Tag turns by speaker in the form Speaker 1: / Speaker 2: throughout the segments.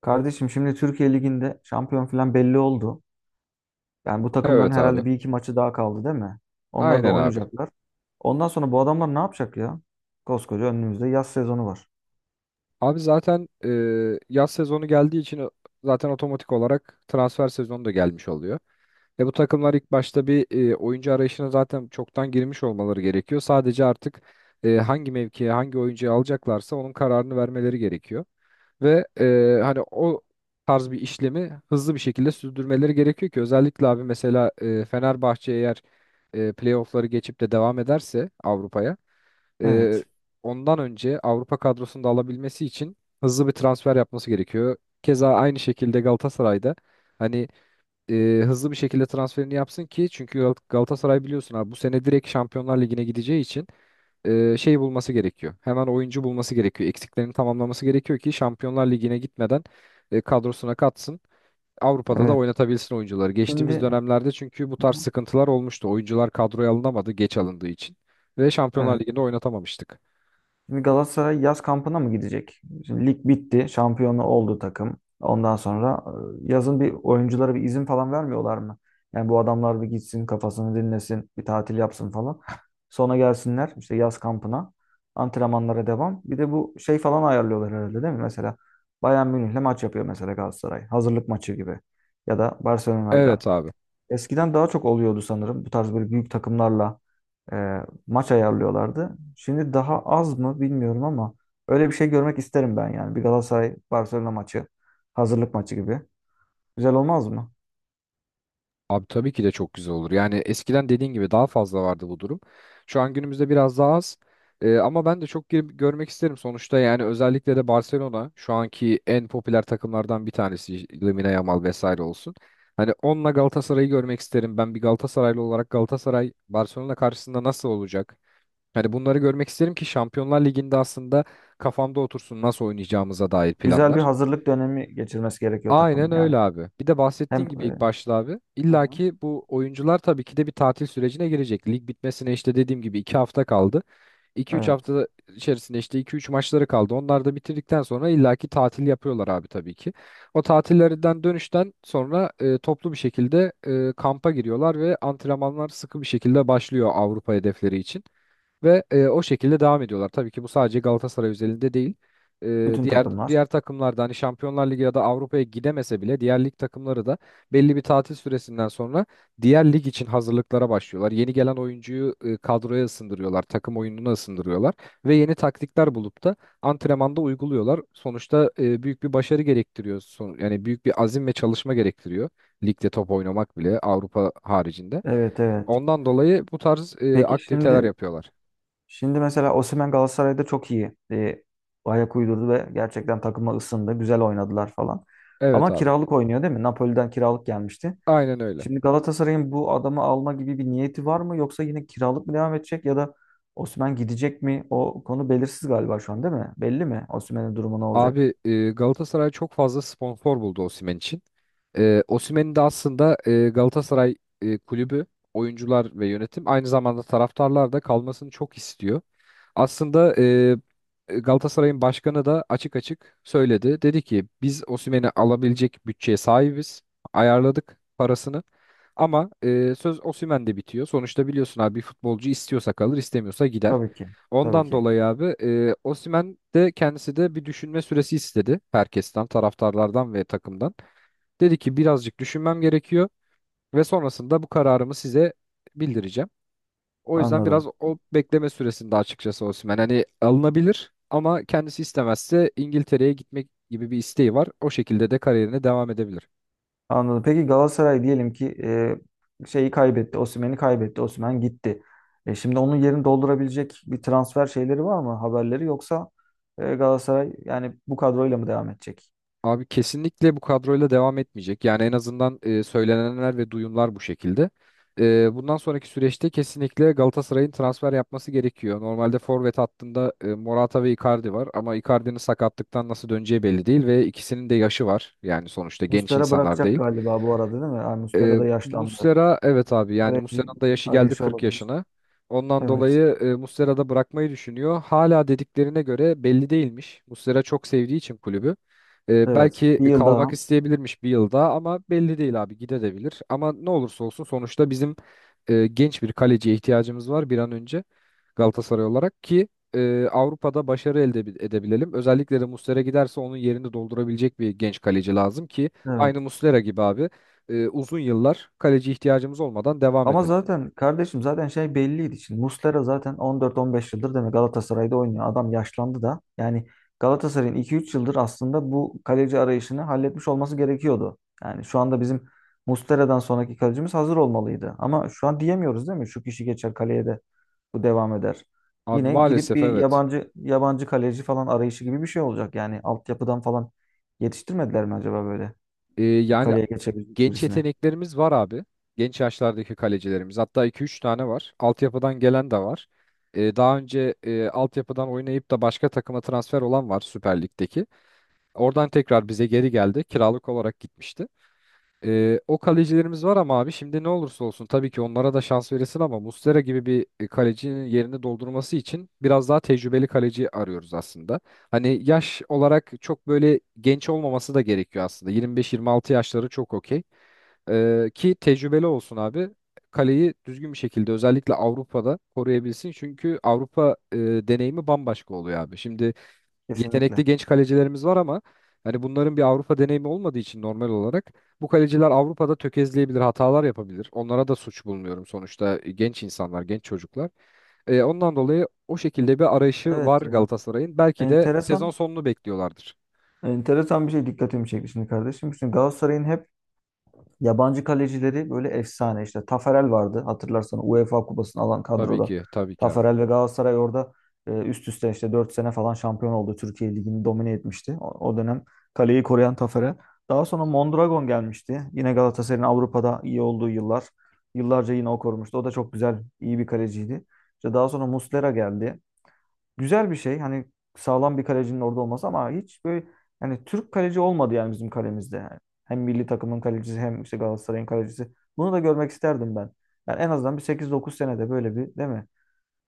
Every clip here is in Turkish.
Speaker 1: Kardeşim şimdi Türkiye Ligi'nde şampiyon falan belli oldu. Yani bu takımların
Speaker 2: Evet abi.
Speaker 1: herhalde bir iki maçı daha kaldı, değil mi? Onları da
Speaker 2: Aynen abi.
Speaker 1: oynayacaklar. Ondan sonra bu adamlar ne yapacak ya? Koskoca önümüzde yaz sezonu var.
Speaker 2: Abi zaten yaz sezonu geldiği için zaten otomatik olarak transfer sezonu da gelmiş oluyor. Ve bu takımlar ilk başta bir oyuncu arayışına zaten çoktan girmiş olmaları gerekiyor. Sadece artık hangi mevkiye, hangi oyuncuyu alacaklarsa onun kararını vermeleri gerekiyor. Ve hani o tarz bir işlemi hızlı bir şekilde sürdürmeleri gerekiyor ki özellikle abi mesela Fenerbahçe eğer playoff'ları geçip de devam ederse Avrupa'ya, e,
Speaker 1: Evet.
Speaker 2: ondan önce Avrupa kadrosunu da alabilmesi için hızlı bir transfer yapması gerekiyor. Keza aynı şekilde Galatasaray'da hani hızlı bir şekilde transferini yapsın ki çünkü Galatasaray biliyorsun abi bu sene direkt Şampiyonlar Ligi'ne gideceği için şey bulması gerekiyor. Hemen oyuncu bulması gerekiyor. Eksiklerini tamamlaması gerekiyor ki Şampiyonlar Ligi'ne gitmeden kadrosuna katsın. Avrupa'da da
Speaker 1: Evet.
Speaker 2: oynatabilsin oyuncuları. Geçtiğimiz
Speaker 1: Şimdi.
Speaker 2: dönemlerde çünkü bu
Speaker 1: Hı
Speaker 2: tarz
Speaker 1: hı.
Speaker 2: sıkıntılar olmuştu. Oyuncular kadroya alınamadı geç alındığı için ve Şampiyonlar
Speaker 1: Evet.
Speaker 2: Ligi'nde oynatamamıştık.
Speaker 1: Şimdi Galatasaray yaz kampına mı gidecek? Şimdi lig bitti. Şampiyonu oldu takım. Ondan sonra yazın bir oyunculara bir izin falan vermiyorlar mı? Yani bu adamlar bir gitsin, kafasını dinlesin. Bir tatil yapsın falan. Sonra gelsinler işte yaz kampına. Antrenmanlara devam. Bir de bu şey falan ayarlıyorlar herhalde, değil mi? Mesela Bayern Münih'le maç yapıyor mesela Galatasaray. Hazırlık maçı gibi. Ya da Barcelona'yla.
Speaker 2: Evet abi.
Speaker 1: Eskiden daha çok oluyordu sanırım. Bu tarz böyle büyük takımlarla e, maç ayarlıyorlardı. Şimdi daha az mı bilmiyorum ama öyle bir şey görmek isterim ben yani. Bir Galatasaray-Barcelona maçı, hazırlık maçı gibi. Güzel olmaz mı?
Speaker 2: Abi tabii ki de çok güzel olur. Yani eskiden dediğin gibi daha fazla vardı bu durum. Şu an günümüzde biraz daha az. Ama ben de çok girip görmek isterim sonuçta. Yani özellikle de Barcelona şu anki en popüler takımlardan bir tanesi, Lamine Yamal vesaire olsun. Hani onunla Galatasaray'ı görmek isterim. Ben bir Galatasaraylı olarak Galatasaray Barcelona karşısında nasıl olacak? Hani bunları görmek isterim ki Şampiyonlar Ligi'nde aslında kafamda otursun nasıl oynayacağımıza dair
Speaker 1: Güzel bir
Speaker 2: planlar.
Speaker 1: hazırlık dönemi geçirmesi gerekiyor takımın
Speaker 2: Aynen
Speaker 1: yani.
Speaker 2: öyle abi. Bir de
Speaker 1: Hem
Speaker 2: bahsettiğin gibi ilk başta abi.
Speaker 1: Hı
Speaker 2: İlla
Speaker 1: hı.
Speaker 2: ki bu oyuncular tabii ki de bir tatil sürecine girecek. Lig bitmesine işte dediğim gibi 2 hafta kaldı. 2 üç
Speaker 1: Evet,
Speaker 2: hafta içerisinde işte iki üç maçları kaldı. Onlar da bitirdikten sonra illa ki tatil yapıyorlar abi tabii ki. O tatillerinden dönüşten sonra toplu bir şekilde kampa giriyorlar ve antrenmanlar sıkı bir şekilde başlıyor Avrupa hedefleri için. Ve o şekilde devam ediyorlar. Tabii ki bu sadece Galatasaray özelinde değil. E,
Speaker 1: bütün
Speaker 2: diğer
Speaker 1: takımlar.
Speaker 2: diğer takımlarda hani Şampiyonlar Ligi ya da Avrupa'ya gidemese bile diğer lig takımları da belli bir tatil süresinden sonra diğer lig için hazırlıklara başlıyorlar. Yeni gelen oyuncuyu kadroya ısındırıyorlar, takım oyununa ısındırıyorlar ve yeni taktikler bulup da antrenmanda uyguluyorlar. Sonuçta büyük bir başarı gerektiriyor. Yani büyük bir azim ve çalışma gerektiriyor. Ligde top oynamak bile Avrupa haricinde.
Speaker 1: Evet evet.
Speaker 2: Ondan dolayı bu tarz
Speaker 1: Peki
Speaker 2: aktiviteler
Speaker 1: şimdi.
Speaker 2: yapıyorlar.
Speaker 1: Şimdi mesela Osimhen Galatasaray'da çok iyi ayak uydurdu ve gerçekten takıma ısındı. Güzel oynadılar falan.
Speaker 2: Evet
Speaker 1: Ama
Speaker 2: abi.
Speaker 1: kiralık oynuyor, değil mi? Napoli'den kiralık gelmişti.
Speaker 2: Aynen öyle.
Speaker 1: Şimdi Galatasaray'ın bu adamı alma gibi bir niyeti var mı? Yoksa yine kiralık mı devam edecek ya da Osimhen gidecek mi? O konu belirsiz galiba şu an, değil mi? Belli mi? Osimhen'in durumu ne olacak?
Speaker 2: Abi Galatasaray çok fazla sponsor buldu Osimhen için. Osimhen'i de aslında Galatasaray kulübü, oyuncular ve yönetim, aynı zamanda taraftarlar da kalmasını çok istiyor. Aslında Galatasaray'ın başkanı da açık açık söyledi. Dedi ki biz Osimhen'i alabilecek bütçeye sahibiz. Ayarladık parasını. Ama söz Osimhen'de bitiyor. Sonuçta biliyorsun abi bir futbolcu istiyorsa kalır, istemiyorsa gider.
Speaker 1: Tabii ki. Tabii
Speaker 2: Ondan
Speaker 1: ki.
Speaker 2: dolayı abi Osimhen de kendisi de bir düşünme süresi istedi herkesten, taraftarlardan ve takımdan. Dedi ki birazcık düşünmem gerekiyor ve sonrasında bu kararımı size bildireceğim. O yüzden biraz
Speaker 1: Anladım.
Speaker 2: o bekleme süresinde açıkçası Osimhen hani alınabilir ama kendisi istemezse İngiltere'ye gitmek gibi bir isteği var. O şekilde de kariyerine devam edebilir.
Speaker 1: Anladım. Peki Galatasaray diyelim ki şeyi kaybetti. Osimhen'i kaybetti. Osimhen gitti. Şimdi onun yerini doldurabilecek bir transfer şeyleri var mı? Haberleri yoksa Galatasaray yani bu kadroyla mı devam edecek?
Speaker 2: Abi kesinlikle bu kadroyla devam etmeyecek. Yani en azından söylenenler ve duyumlar bu şekilde. Bundan sonraki süreçte kesinlikle Galatasaray'ın transfer yapması gerekiyor. Normalde forvet hattında Morata ve Icardi var ama Icardi'nin sakatlıktan nasıl döneceği belli değil ve ikisinin de yaşı var. Yani sonuçta genç
Speaker 1: Muslera
Speaker 2: insanlar
Speaker 1: bırakacak
Speaker 2: değil.
Speaker 1: galiba bu arada, değil mi? Yani Muslera da yaşlandı.
Speaker 2: Muslera, evet abi, yani
Speaker 1: Kaleci
Speaker 2: Muslera'nın da yaşı geldi,
Speaker 1: arayışı
Speaker 2: 40
Speaker 1: olabilir.
Speaker 2: yaşına. Ondan
Speaker 1: Evet.
Speaker 2: dolayı Muslera da bırakmayı düşünüyor. Hala dediklerine göre belli değilmiş. Muslera çok sevdiği için kulübü.
Speaker 1: Evet.
Speaker 2: Belki
Speaker 1: Bir yıl daha.
Speaker 2: kalmak isteyebilirmiş bir yılda ama belli değil abi, gidebilir. Ama ne olursa olsun sonuçta bizim genç bir kaleciye ihtiyacımız var bir an önce Galatasaray olarak ki Avrupa'da başarı edebilelim. Özellikle de Muslera giderse onun yerini doldurabilecek bir genç kaleci lazım ki
Speaker 1: Evet.
Speaker 2: aynı Muslera gibi abi uzun yıllar kaleci ihtiyacımız olmadan devam
Speaker 1: Ama
Speaker 2: edelim.
Speaker 1: zaten kardeşim zaten şey belliydi. Şimdi Muslera zaten 14-15 yıldır demek Galatasaray'da oynuyor. Adam yaşlandı da. Yani Galatasaray'ın 2-3 yıldır aslında bu kaleci arayışını halletmiş olması gerekiyordu. Yani şu anda bizim Muslera'dan sonraki kalecimiz hazır olmalıydı. Ama şu an diyemiyoruz, değil mi? Şu kişi geçer kaleye de bu devam eder.
Speaker 2: Abi
Speaker 1: Yine gidip
Speaker 2: maalesef
Speaker 1: bir
Speaker 2: evet.
Speaker 1: yabancı kaleci falan arayışı gibi bir şey olacak. Yani altyapıdan falan yetiştirmediler mi acaba böyle? Bir
Speaker 2: Yani
Speaker 1: kaleye geçebilecek
Speaker 2: genç
Speaker 1: birisine.
Speaker 2: yeteneklerimiz var abi. Genç yaşlardaki kalecilerimiz. Hatta iki üç tane var. Altyapıdan gelen de var. Daha önce altyapıdan oynayıp da başka takıma transfer olan var, Süper Lig'deki. Oradan tekrar bize geri geldi. Kiralık olarak gitmişti. O kalecilerimiz var ama abi şimdi ne olursa olsun tabii ki onlara da şans verilsin ama Muslera gibi bir kalecinin yerini doldurması için biraz daha tecrübeli kaleci arıyoruz aslında. Hani yaş olarak çok böyle genç olmaması da gerekiyor aslında. Yirmi beş yirmi altı yaşları çok okey. Ki tecrübeli olsun abi. Kaleyi düzgün bir şekilde özellikle Avrupa'da koruyabilsin. Çünkü Avrupa deneyimi bambaşka oluyor abi. Şimdi
Speaker 1: Kesinlikle.
Speaker 2: yetenekli genç kalecilerimiz var ama hani bunların bir Avrupa deneyimi olmadığı için normal olarak bu kaleciler Avrupa'da tökezleyebilir, hatalar yapabilir. Onlara da suç bulmuyorum, sonuçta genç insanlar, genç çocuklar. Ondan dolayı o şekilde bir arayışı var
Speaker 1: Evet ya.
Speaker 2: Galatasaray'ın. Belki de sezon
Speaker 1: Enteresan
Speaker 2: sonunu bekliyorlardır.
Speaker 1: Enteresan bir şey dikkatimi çekti şimdi kardeşim. Şimdi Galatasaray'ın hep yabancı kalecileri böyle efsane. İşte Taferel vardı, hatırlarsan, UEFA kupasını alan
Speaker 2: Tabii
Speaker 1: kadroda.
Speaker 2: ki, tabii ki abi.
Speaker 1: Taferel ve Galatasaray orada üst üste işte 4 sene falan şampiyon oldu. Türkiye Ligi'ni domine etmişti. O dönem kaleyi koruyan Taferel. Daha sonra Mondragon gelmişti. Yine Galatasaray'ın Avrupa'da iyi olduğu yıllar. Yıllarca yine o korumuştu. O da çok güzel, iyi bir kaleciydi. İşte daha sonra Muslera geldi, güzel bir şey. Hani sağlam bir kalecinin orada olması ama hiç böyle, yani Türk kaleci olmadı yani bizim kalemizde. Yani hem milli takımın kalecisi, hem işte Galatasaray'ın kalecisi. Bunu da görmek isterdim ben. Yani en azından bir 8-9 senede böyle bir, değil mi?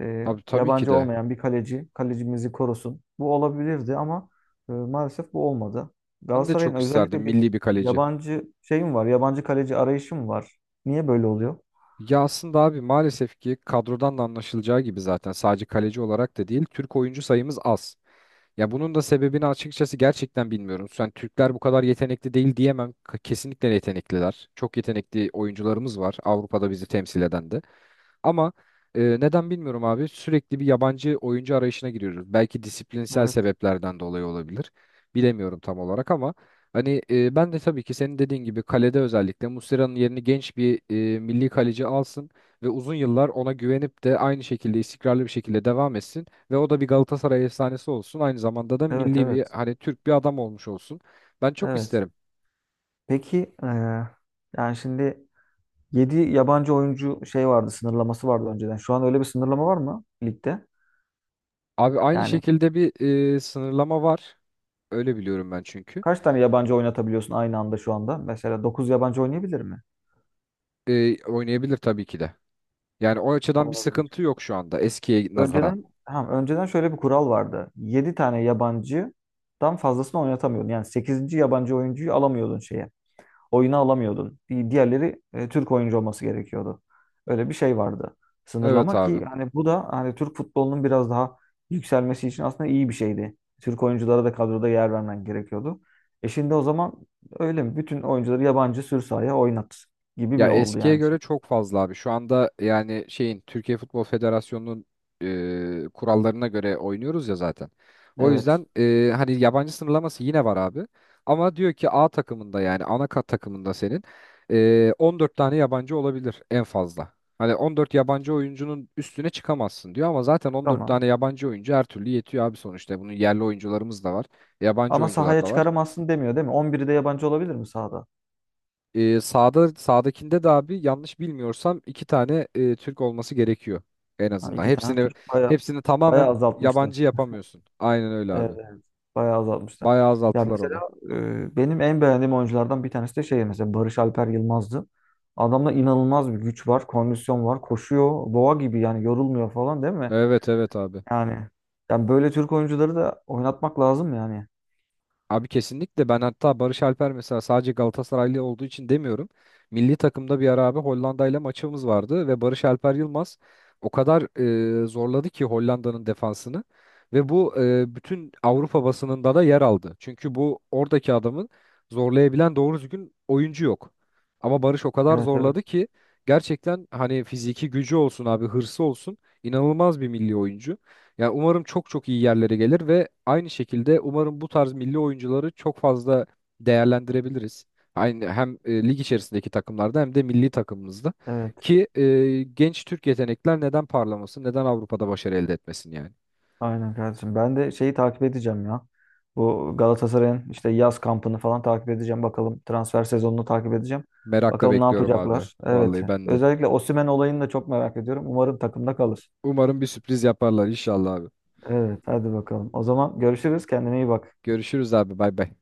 Speaker 2: Abi tabii ki
Speaker 1: Yabancı
Speaker 2: de.
Speaker 1: olmayan bir kaleci kalecimizi korusun. Bu olabilirdi ama maalesef bu olmadı.
Speaker 2: Ben de
Speaker 1: Galatasaray'ın
Speaker 2: çok isterdim
Speaker 1: özellikle bir
Speaker 2: milli bir kaleci.
Speaker 1: yabancı şeyim var. Yabancı kaleci arayışım var. Niye böyle oluyor?
Speaker 2: Ya aslında abi maalesef ki kadrodan da anlaşılacağı gibi zaten sadece kaleci olarak da değil, Türk oyuncu sayımız az. Ya bunun da sebebini açıkçası gerçekten bilmiyorum. Sen Türkler bu kadar yetenekli değil diyemem. Kesinlikle yetenekliler. Çok yetenekli oyuncularımız var Avrupa'da bizi temsil eden de. Ama neden bilmiyorum abi, sürekli bir yabancı oyuncu arayışına giriyoruz. Belki disiplinsel
Speaker 1: Evet,
Speaker 2: sebeplerden dolayı olabilir. Bilemiyorum tam olarak ama hani ben de tabii ki senin dediğin gibi kalede özellikle Muslera'nın yerini genç bir milli kaleci alsın ve uzun yıllar ona güvenip de aynı şekilde istikrarlı bir şekilde devam etsin ve o da bir Galatasaray efsanesi olsun. Aynı zamanda da
Speaker 1: evet,
Speaker 2: milli bir,
Speaker 1: evet.
Speaker 2: hani Türk bir adam olmuş olsun. Ben çok
Speaker 1: Evet.
Speaker 2: isterim.
Speaker 1: Peki, yani şimdi. 7 yabancı oyuncu şey vardı, sınırlaması vardı önceden. Şu an öyle bir sınırlama var mı ligde?
Speaker 2: Abi aynı
Speaker 1: Yani
Speaker 2: şekilde bir sınırlama var. Öyle biliyorum ben çünkü.
Speaker 1: kaç tane yabancı oynatabiliyorsun aynı anda şu anda? Mesela 9 yabancı oynayabilir mi?
Speaker 2: Oynayabilir tabii ki de. Yani o açıdan bir
Speaker 1: Olabilir.
Speaker 2: sıkıntı yok şu anda eskiye nazaran.
Speaker 1: Önceden ha, önceden şöyle bir kural vardı. 7 tane yabancıdan fazlasını oynatamıyordun. Yani sekizinci yabancı oyuncuyu alamıyordun şeye. Oyunu alamıyordun. Diğerleri Türk oyuncu olması gerekiyordu. Öyle bir şey vardı.
Speaker 2: Evet
Speaker 1: Sınırlama
Speaker 2: abi.
Speaker 1: ki hani bu da hani Türk futbolunun biraz daha yükselmesi için aslında iyi bir şeydi. Türk oyunculara da kadroda yer vermen gerekiyordu. E şimdi o zaman öyle mi? Bütün oyuncuları yabancı sür sahaya oynat gibi
Speaker 2: Ya
Speaker 1: mi oldu
Speaker 2: eskiye
Speaker 1: yani
Speaker 2: göre
Speaker 1: şimdi?
Speaker 2: çok fazla abi. Şu anda yani şeyin Türkiye Futbol Federasyonu'nun kurallarına göre oynuyoruz ya zaten. O
Speaker 1: Evet.
Speaker 2: yüzden hani yabancı sınırlaması yine var abi. Ama diyor ki A takımında yani ana kat takımında senin 14 tane yabancı olabilir en fazla. Hani 14 yabancı oyuncunun üstüne çıkamazsın diyor ama zaten 14
Speaker 1: Tamam.
Speaker 2: tane yabancı oyuncu her türlü yetiyor abi sonuçta. Bunun yerli oyuncularımız da var, yabancı
Speaker 1: Ama
Speaker 2: oyuncular
Speaker 1: sahaya
Speaker 2: da var.
Speaker 1: çıkaramazsın demiyor, değil mi? 11'i de yabancı olabilir mi sahada?
Speaker 2: Sağdakinde de abi yanlış bilmiyorsam iki tane Türk olması gerekiyor en
Speaker 1: Ha,
Speaker 2: azından.
Speaker 1: iki tane
Speaker 2: Hepsini
Speaker 1: Türk. Baya,
Speaker 2: hepsini
Speaker 1: baya
Speaker 2: tamamen yabancı
Speaker 1: azaltmışlar.
Speaker 2: yapamıyorsun. Aynen öyle
Speaker 1: Evet,
Speaker 2: abi.
Speaker 1: evet. Bayağı azaltmışlar.
Speaker 2: Bayağı
Speaker 1: Ya
Speaker 2: azalttılar
Speaker 1: mesela
Speaker 2: onu.
Speaker 1: benim en beğendiğim oyunculardan bir tanesi de şey mesela Barış Alper Yılmaz'dı. Adamda inanılmaz bir güç var, kondisyon var, koşuyor, boğa gibi yani yorulmuyor falan, değil mi?
Speaker 2: Evet evet abi.
Speaker 1: Yani böyle Türk oyuncuları da oynatmak lazım yani.
Speaker 2: Abi kesinlikle, ben hatta Barış Alper mesela sadece Galatasaraylı olduğu için demiyorum. Milli takımda bir ara abi Hollanda ile maçımız vardı ve Barış Alper Yılmaz o kadar zorladı ki Hollanda'nın defansını, ve bu bütün Avrupa basınında da yer aldı. Çünkü bu oradaki adamın zorlayabilen doğru düzgün oyuncu yok. Ama Barış o kadar
Speaker 1: Evet
Speaker 2: zorladı
Speaker 1: evet.
Speaker 2: ki gerçekten hani fiziki gücü olsun abi, hırsı olsun, inanılmaz bir milli oyuncu. Yani umarım çok çok iyi yerlere gelir ve aynı şekilde umarım bu tarz milli oyuncuları çok fazla değerlendirebiliriz. Aynı hem lig içerisindeki takımlarda hem de milli takımımızda
Speaker 1: Evet.
Speaker 2: ki genç Türk yetenekler neden parlamasın, neden Avrupa'da başarı elde etmesin yani.
Speaker 1: Aynen kardeşim. Ben de şeyi takip edeceğim ya. Bu Galatasaray'ın işte yaz kampını falan takip edeceğim. Bakalım, transfer sezonunu takip edeceğim.
Speaker 2: Merakla
Speaker 1: Bakalım ne
Speaker 2: bekliyorum abi.
Speaker 1: yapacaklar. Evet.
Speaker 2: Vallahi ben de.
Speaker 1: Özellikle Osimhen olayını da çok merak ediyorum. Umarım takımda kalır.
Speaker 2: Umarım bir sürpriz yaparlar inşallah abi.
Speaker 1: Evet, hadi bakalım. O zaman görüşürüz. Kendine iyi bak.
Speaker 2: Görüşürüz abi. Bay bay.